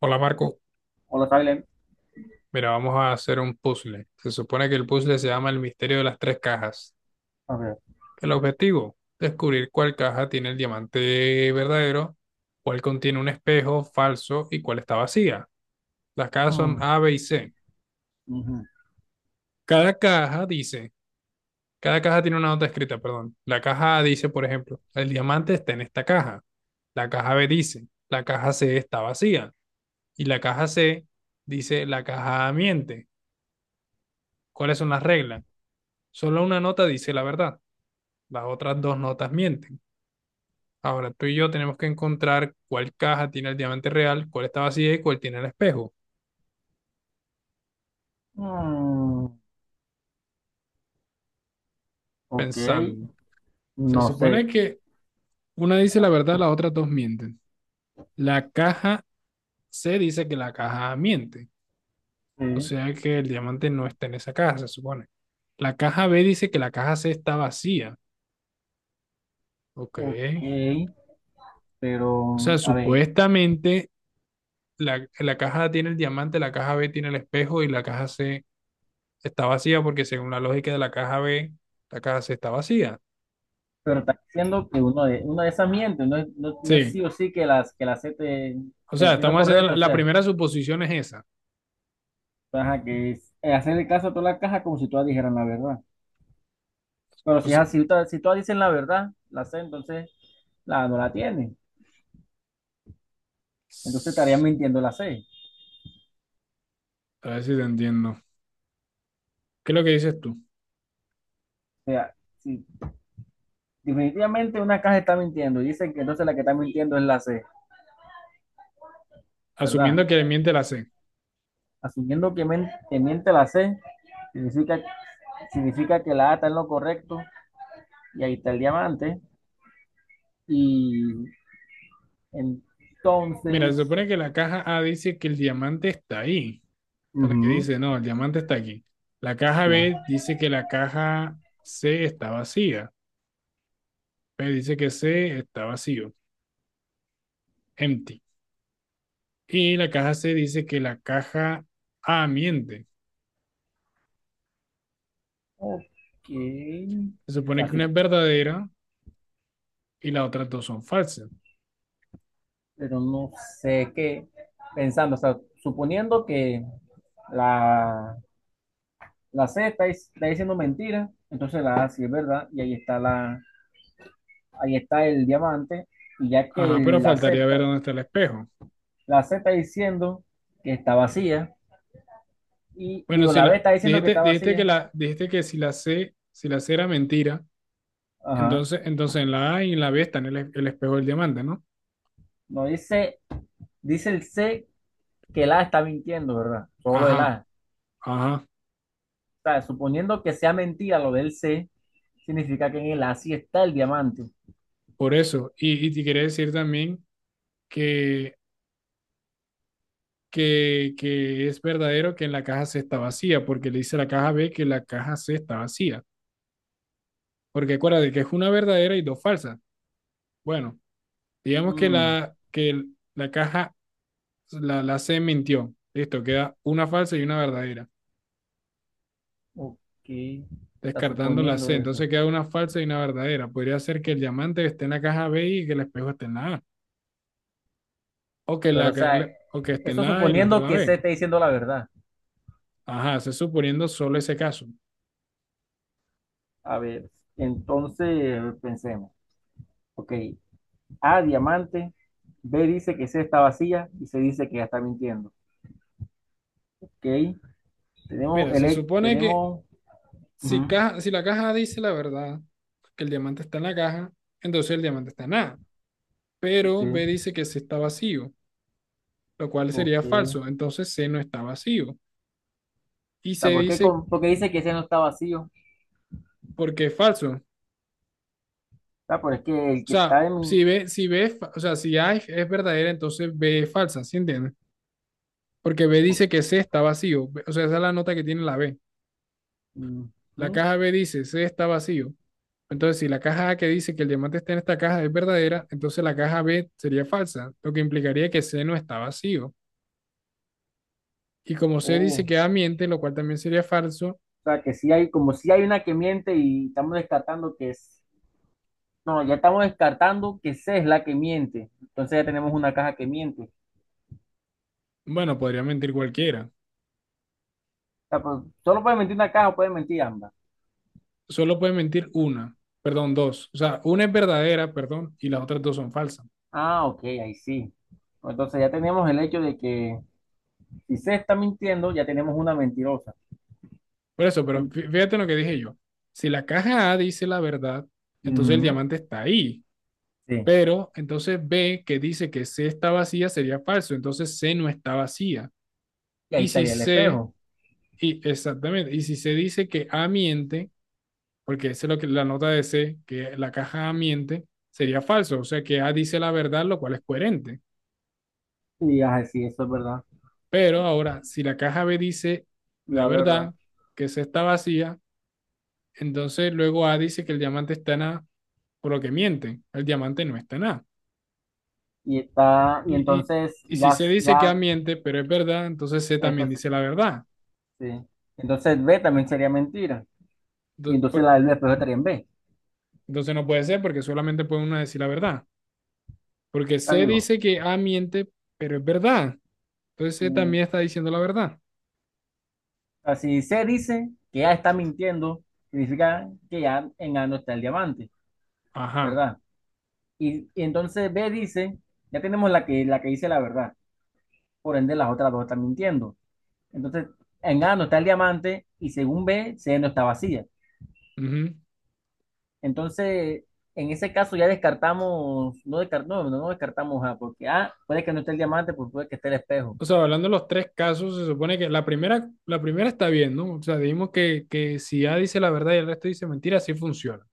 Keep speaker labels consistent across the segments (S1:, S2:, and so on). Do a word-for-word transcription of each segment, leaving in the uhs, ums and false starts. S1: Hola Marco,
S2: Hola, Salem.
S1: mira, vamos a hacer un puzzle. Se supone que el puzzle se llama El misterio de las tres cajas.
S2: A ver.
S1: El objetivo, descubrir cuál caja tiene el diamante verdadero, cuál contiene un espejo falso y cuál está vacía. Las cajas son
S2: Mm,
S1: A, B y C.
S2: ujú.
S1: Cada caja dice, cada caja tiene una nota escrita, perdón. La caja A dice, por ejemplo, el diamante está en esta caja. La caja B dice, la caja C está vacía. Y la caja C dice, la caja A miente. ¿Cuáles son las reglas? Solo una nota dice la verdad. Las otras dos notas mienten. Ahora tú y yo tenemos que encontrar cuál caja tiene el diamante real, cuál está vacía y cuál tiene el espejo.
S2: Mm, ok,
S1: Pensando. Se
S2: no
S1: supone
S2: sé.
S1: que una dice la verdad, las otras dos mienten. La caja C dice que la caja A miente. O
S2: Sí,
S1: sea que el diamante no está en esa caja, se supone. La caja B dice que la caja C está vacía. Ok.
S2: ok,
S1: O sea,
S2: pero a ver,
S1: supuestamente la, la caja A tiene el diamante, la caja B tiene el espejo y la caja C está vacía porque según la lógica de la caja B, la caja C está vacía.
S2: pero está diciendo que uno de, uno de esas miente, no es, no, no es sí
S1: Sí,
S2: o sí que las que la acepte
S1: o
S2: te,
S1: sea,
S2: te- lo
S1: estamos haciendo
S2: correcto,
S1: la,
S2: o
S1: la
S2: sea,
S1: primera suposición es esa.
S2: ajá, que es, eh, hacerle caso a toda la caja como si todas dijeran la verdad. Pero
S1: O
S2: si es
S1: sea,
S2: así, si todas, si todas dicen la verdad, la C, entonces la no la tiene. Entonces estaría mintiendo la C.
S1: a ver si te entiendo. ¿Qué es lo que dices tú?
S2: O sea, si definitivamente una caja está mintiendo y dicen que entonces la que está mintiendo es la C. ¿Verdad?
S1: Asumiendo que le miente la C.
S2: Asumiendo que, men- que miente la C, significa, significa que la A está en lo correcto y ahí está el diamante. Y
S1: Mira, se
S2: entonces,
S1: supone que la caja A dice que el diamante está ahí. Esta es la que
S2: ujú,
S1: dice, no, el diamante está aquí. La caja
S2: sí.
S1: B dice que la caja C está vacía. B dice que C está vacío, empty. Y la caja C dice que la caja A miente.
S2: Ok,
S1: Se
S2: o
S1: supone
S2: sea,
S1: que
S2: su-
S1: una es verdadera y las otras dos son falsas.
S2: pero no sé qué, pensando, o sea, suponiendo que la, la C está, dic- está diciendo mentira, entonces la A sí es verdad y ahí está, la, ahí está el diamante. Y ya que
S1: Ajá, pero
S2: la
S1: faltaría
S2: Z
S1: ver dónde está el espejo.
S2: la C está diciendo que está vacía. Y
S1: Bueno,
S2: digo,
S1: si
S2: la B
S1: la
S2: está diciendo que
S1: dijiste,
S2: está
S1: dijiste que
S2: vacía.
S1: la dijiste que si la C, si la C era mentira,
S2: Ajá.
S1: entonces, entonces en la A y en la B están el, el espejo del diamante, ¿no?
S2: No dice, dice el C que el A está mintiendo, ¿verdad? Solo el
S1: Ajá,
S2: A.
S1: ajá,
S2: O sea, suponiendo que sea mentira lo del C, significa que en el A sí está el diamante.
S1: por eso. Y, y te quiere decir también que, que, que es verdadero que en la caja C está vacía, porque le dice a la caja B que la caja C está vacía. Porque acuérdate que es una verdadera y dos falsas. Bueno, digamos que
S2: Mm,
S1: la, que el- la caja la, la C mintió. Listo, queda una falsa y una verdadera.
S2: ok. Está
S1: Descartando la
S2: suponiendo
S1: C,
S2: eso.
S1: entonces queda una falsa y una verdadera. Podría ser que el diamante esté en la caja B y que el espejo esté en la A. O que, la,
S2: Pero, o sea,
S1: o que esté en
S2: eso
S1: la A y la otra en
S2: suponiendo
S1: la
S2: que C
S1: B.
S2: está diciendo la verdad.
S1: Ajá, se suponiendo solo ese caso.
S2: A ver, entonces pensemos. Ok, A diamante, B dice que C está vacía y se dice que ya está mintiendo. Ok, tenemos
S1: Mira,
S2: el
S1: se
S2: he-
S1: supone que
S2: tenemos,
S1: si,
S2: ujú,
S1: caja, si la caja dice la verdad, que el diamante está en la caja, entonces el diamante está en A.
S2: sí,
S1: Pero B dice que C está vacío, lo cual sería
S2: ok.
S1: falso.
S2: O
S1: Entonces C no está vacío. Y
S2: sea,
S1: C
S2: ¿por qué,
S1: dice
S2: con- ¿por qué dice que ese no está vacío? O
S1: porque es falso.
S2: pero es que el
S1: O
S2: que
S1: sea,
S2: está en
S1: si
S2: mi,
S1: B, si B, fa- o sea, si A es es verdadera, entonces B es falsa, ¿sí entiendes? Porque B
S2: o-
S1: dice que C está vacío. B- O sea, esa es la nota que tiene la B. La
S2: ujú,
S1: caja B dice C está vacío. Entonces, si la caja A que dice que el diamante está en esta caja es verdadera, entonces la caja B sería falsa, lo que implicaría que C no está vacío. Y como C
S2: oh,
S1: dice
S2: o
S1: que A miente, lo cual también sería falso,
S2: sea, que sí hay, como si hay una que miente y estamos descartando que es, no, ya estamos descartando que C es la que miente. Entonces ya tenemos una caja que miente. O
S1: bueno, podría mentir cualquiera.
S2: sea, pues, solo puede mentir una caja o puede mentir ambas.
S1: Solo puede mentir una, perdón, dos. O sea, una es verdadera, perdón, y las otras dos son falsas.
S2: Ah, ok, ahí sí. Entonces ya tenemos el hecho de que si C está mintiendo, ya tenemos una mentirosa.
S1: Por eso, pero
S2: En-
S1: fí- fíjate en lo que dije yo. Si la caja A dice la verdad, entonces el
S2: ujú.
S1: diamante está ahí.
S2: Sí,
S1: Pero entonces B, que dice que C está vacía, sería falso. Entonces C no está vacía.
S2: y ahí
S1: Y si
S2: estaría el
S1: C,
S2: espejo.
S1: y exactamente, y si C dice que A miente, porque esa es lo que la nota de C, que la caja A miente, sería falso. O sea que A dice la verdad, lo cual es coherente.
S2: Y ajá, sí, eso es verdad,
S1: Pero ahora, si la caja B dice la
S2: la verdad.
S1: verdad, que C está vacía, entonces luego A dice que el diamante está en A por lo que mienten. El diamante no está en A.
S2: Y está, y
S1: Y, y,
S2: entonces
S1: y si
S2: ya,
S1: se dice que A
S2: ya,
S1: miente, pero es verdad, entonces C también
S2: entonces,
S1: dice la verdad.
S2: sí. Entonces B también sería mentira. Y entonces la del espejo estaría en B.
S1: Entonces no puede ser porque solamente puede uno decir la verdad. Porque
S2: Ya
S1: C
S2: digo,
S1: dice que A miente, pero es verdad. Entonces C
S2: mm,
S1: también está diciendo la verdad.
S2: así se dice que ya está mintiendo, significa que ya en A no está el diamante,
S1: Ajá.
S2: ¿verdad? Y, y entonces B dice, ya tenemos la que, la que dice la verdad, por ende las otras dos están mintiendo. Entonces en A no está el diamante y según B, C no está vacía.
S1: Ujú.
S2: Entonces, en ese caso ya descartamos, no, descart- no, no, no descartamos A, porque A puede que no esté el diamante, pues puede que esté el espejo.
S1: O sea, hablando de los tres casos, se supone que la primera, la primera está bien, ¿no? O sea, dijimos que, que si A dice la verdad y el resto dice mentira, así funciona.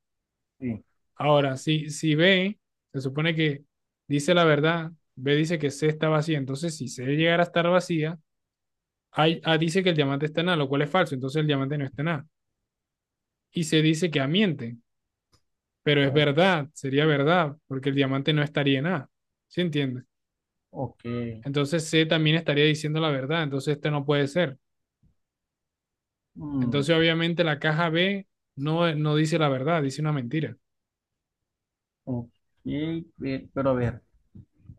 S2: Sí.
S1: Ahora, si, si B se supone que dice la verdad, B dice que C está vacía, entonces si C llegara a estar vacía, A, A dice que el diamante está en A, lo cual es falso, entonces el diamante no está en A. Y C dice que A miente, pero es
S2: O-
S1: verdad, sería verdad, porque el diamante no estaría en A, ¿sí entiendes?
S2: ok.
S1: Entonces C también estaría diciendo la verdad, entonces esto no puede ser.
S2: Mm,
S1: Entonces obviamente la caja B no, no dice la verdad, dice una mentira.
S2: ok, pe- pero a ver.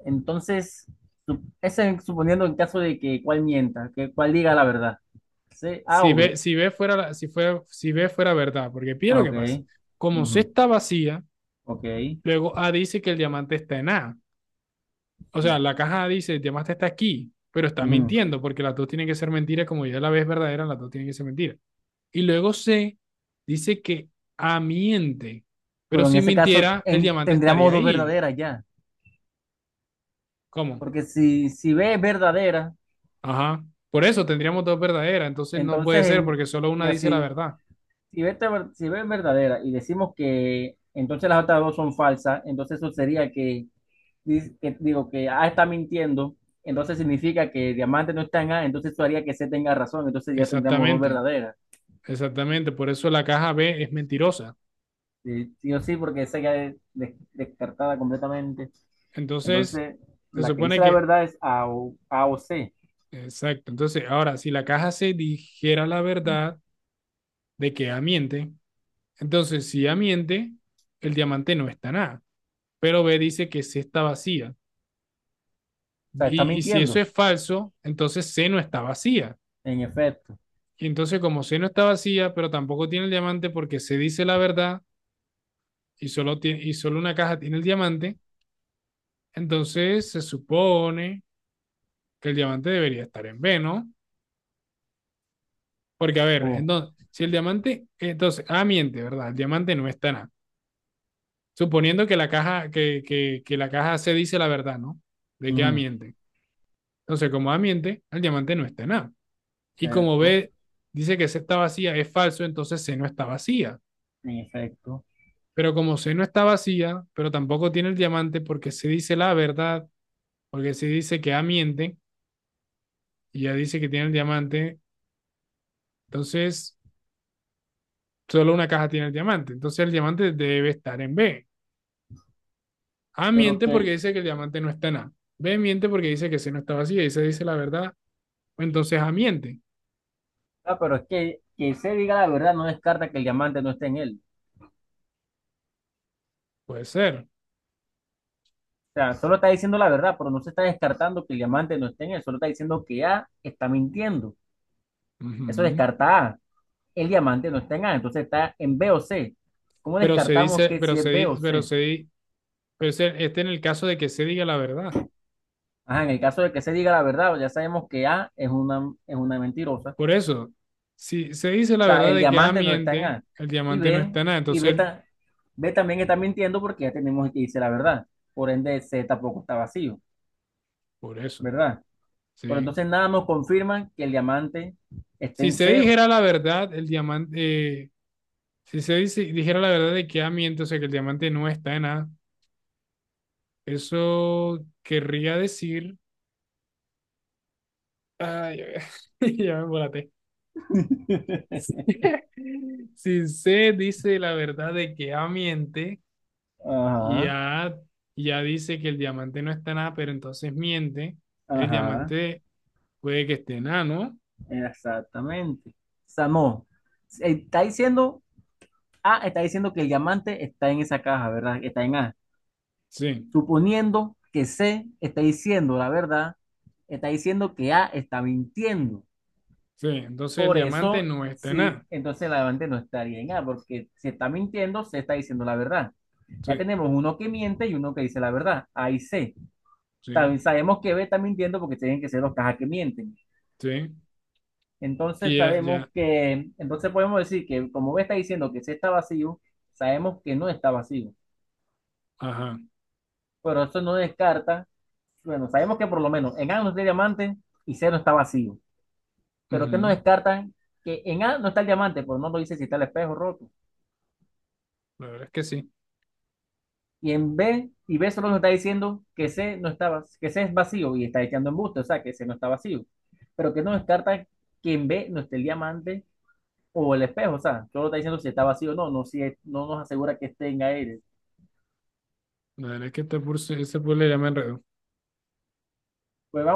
S2: Entonces, sup- ese es suponiendo en caso de que cuál mienta, que cuál diga la verdad. C, A
S1: Si
S2: o
S1: B,
S2: B.
S1: si B fuera, si fue, si B fuera verdad, porque pide lo
S2: Ah,
S1: que pasa.
S2: ok.
S1: Como C
S2: Ujú,
S1: está vacía,
S2: ok.
S1: luego A dice que el diamante está en A. O sea,
S2: Sí.
S1: la caja A dice el diamante está aquí, pero está
S2: Ujú.
S1: mintiendo porque las dos tienen que ser mentiras, como ya la vez verdadera, las dos tienen que ser mentiras. Y luego C dice que A miente, pero
S2: Pero en
S1: si
S2: ese caso
S1: mintiera, el
S2: en-
S1: diamante
S2: tendríamos
S1: estaría
S2: dos
S1: ahí.
S2: verdaderas ya.
S1: ¿Cómo?
S2: Porque si, si B es verdadera,
S1: Ajá. Por eso tendríamos dos verdaderas, entonces no puede
S2: entonces
S1: ser
S2: en,
S1: porque solo una
S2: mira,
S1: dice la
S2: si,
S1: verdad.
S2: Si B, está ver- si B es verdadera y decimos que entonces las otras dos son falsas, entonces eso sería que, di- que digo que A está mintiendo, entonces significa que diamante no está en A, entonces eso haría que C tenga razón, entonces ya tendríamos dos
S1: Exactamente,
S2: verdaderas.
S1: exactamente. Por eso la caja B es mentirosa.
S2: Sí, sí o sí, porque C ya es des- descartada completamente.
S1: Entonces,
S2: Entonces,
S1: se
S2: la que
S1: supone
S2: dice la
S1: que
S2: verdad es A o, A o C.
S1: exacto. Entonces, ahora, si la caja se dijera la verdad, de que Amiente. Entonces, si Amiente, el diamante no está nada. Pero B dice que C está vacía.
S2: O sea, está
S1: Y, y si eso
S2: mintiendo,
S1: es falso, entonces C no está vacía.
S2: en efecto.
S1: Y entonces, como C no está vacía, pero tampoco tiene el diamante porque C dice la verdad y solo, tiene, y solo una caja tiene el diamante, entonces se supone que el diamante debería estar en B, ¿no? Porque, a ver,
S2: O,
S1: entonces, si el diamante, entonces, A miente, ¿verdad? El diamante no está en A. Suponiendo que la caja, que, que, que la caja C dice la verdad, ¿no? De que A
S2: ujú,
S1: miente. Entonces, como A miente, el diamante no está en A. Y como
S2: exacto,
S1: B dice que C está vacía, es falso, entonces C no está vacía.
S2: en efecto.
S1: Pero como C no está vacía, pero tampoco tiene el diamante porque se dice la verdad, porque se dice que A miente y ya dice que tiene el diamante, entonces solo una caja tiene el diamante. Entonces el diamante debe estar en B. A
S2: Pero,
S1: miente porque
S2: ¿qué,
S1: dice que el diamante no está en A. B miente porque dice que C no está vacía y C dice la verdad. Entonces ambiente,
S2: ah, pero es que que se diga la verdad no descarta que el diamante no esté en él.
S1: puede ser.
S2: O sea, solo está diciendo la verdad, pero no se está descartando que el diamante no esté en él. Solo está diciendo que A está mintiendo. Eso
S1: Ujú.
S2: descarta A. El diamante no está en A, entonces está en B o C. ¿Cómo
S1: Pero se
S2: descartamos
S1: dice,
S2: que
S1: pero
S2: si
S1: se,
S2: es B
S1: di-
S2: o
S1: pero
S2: C?
S1: se, di- pero se- este en el caso de que se diga la verdad.
S2: Ajá, en el caso de que se diga la verdad, ya sabemos que A es una, es una mentirosa. O
S1: Por eso, si se dice la
S2: sea,
S1: verdad
S2: el
S1: de que A
S2: diamante no está en
S1: miente,
S2: A.
S1: el
S2: Y
S1: diamante no
S2: B,
S1: está nada.
S2: y B,
S1: Entonces,
S2: ta- B también está mintiendo porque ya tenemos que dice la verdad. Por ende, C tampoco está vacío,
S1: por eso,
S2: ¿verdad? Pero
S1: ¿sí?
S2: entonces nada nos confirma que el diamante está
S1: Si
S2: en
S1: se
S2: SEO.
S1: dijera la verdad, el diamante, eh, si se dice, dijera la verdad de que A miente, o sea, que el diamante no está en A, eso querría decir, ay, ya me embolaté. Si C dice la verdad de que A miente y
S2: Ajá,
S1: A ya dice que el diamante no está en A, pero entonces miente, el
S2: ajá,
S1: diamante puede que esté en A, ¿no?
S2: exactamente. Samo, está diciendo A, está diciendo que el diamante está en esa caja, ¿verdad? Está en A.
S1: Sí,
S2: Suponiendo que C está diciendo la verdad, está diciendo que A está mintiendo.
S1: sí, entonces el
S2: Por
S1: diamante
S2: eso,
S1: no está en
S2: sí,
S1: A.
S2: entonces el diamante no estaría en A, porque si está mintiendo, se está diciendo la verdad. Ya
S1: Sí,
S2: tenemos uno que miente y uno que dice la verdad, A y C.
S1: sí,
S2: También sabemos que B está mintiendo porque tienen que ser los cajas que mienten.
S1: sí.
S2: Entonces
S1: Y ya,
S2: sabemos
S1: ya,
S2: que, entonces podemos decir que como B está diciendo que C está vacío, sabemos que no está vacío.
S1: ajá.
S2: Pero eso no descarta, bueno, sabemos que por lo menos en A no está el diamante y C no está vacío. Pero que no
S1: Ujú.
S2: descarta que en A no está el diamante, pero no lo dice si está el espejo roto.
S1: La verdad es que sí.
S2: Y en B, y B solo nos está diciendo que C no está, que C es vacío y está echando embuste, o sea que C no está vacío. Pero que no descarta que en B no esté el diamante o el espejo, o sea, solo está diciendo si está vacío o no, no, si es- no nos asegura que esté en aire.
S1: La verdad es que este puzzle, este puzzle ya me enredó.
S2: Pues vamos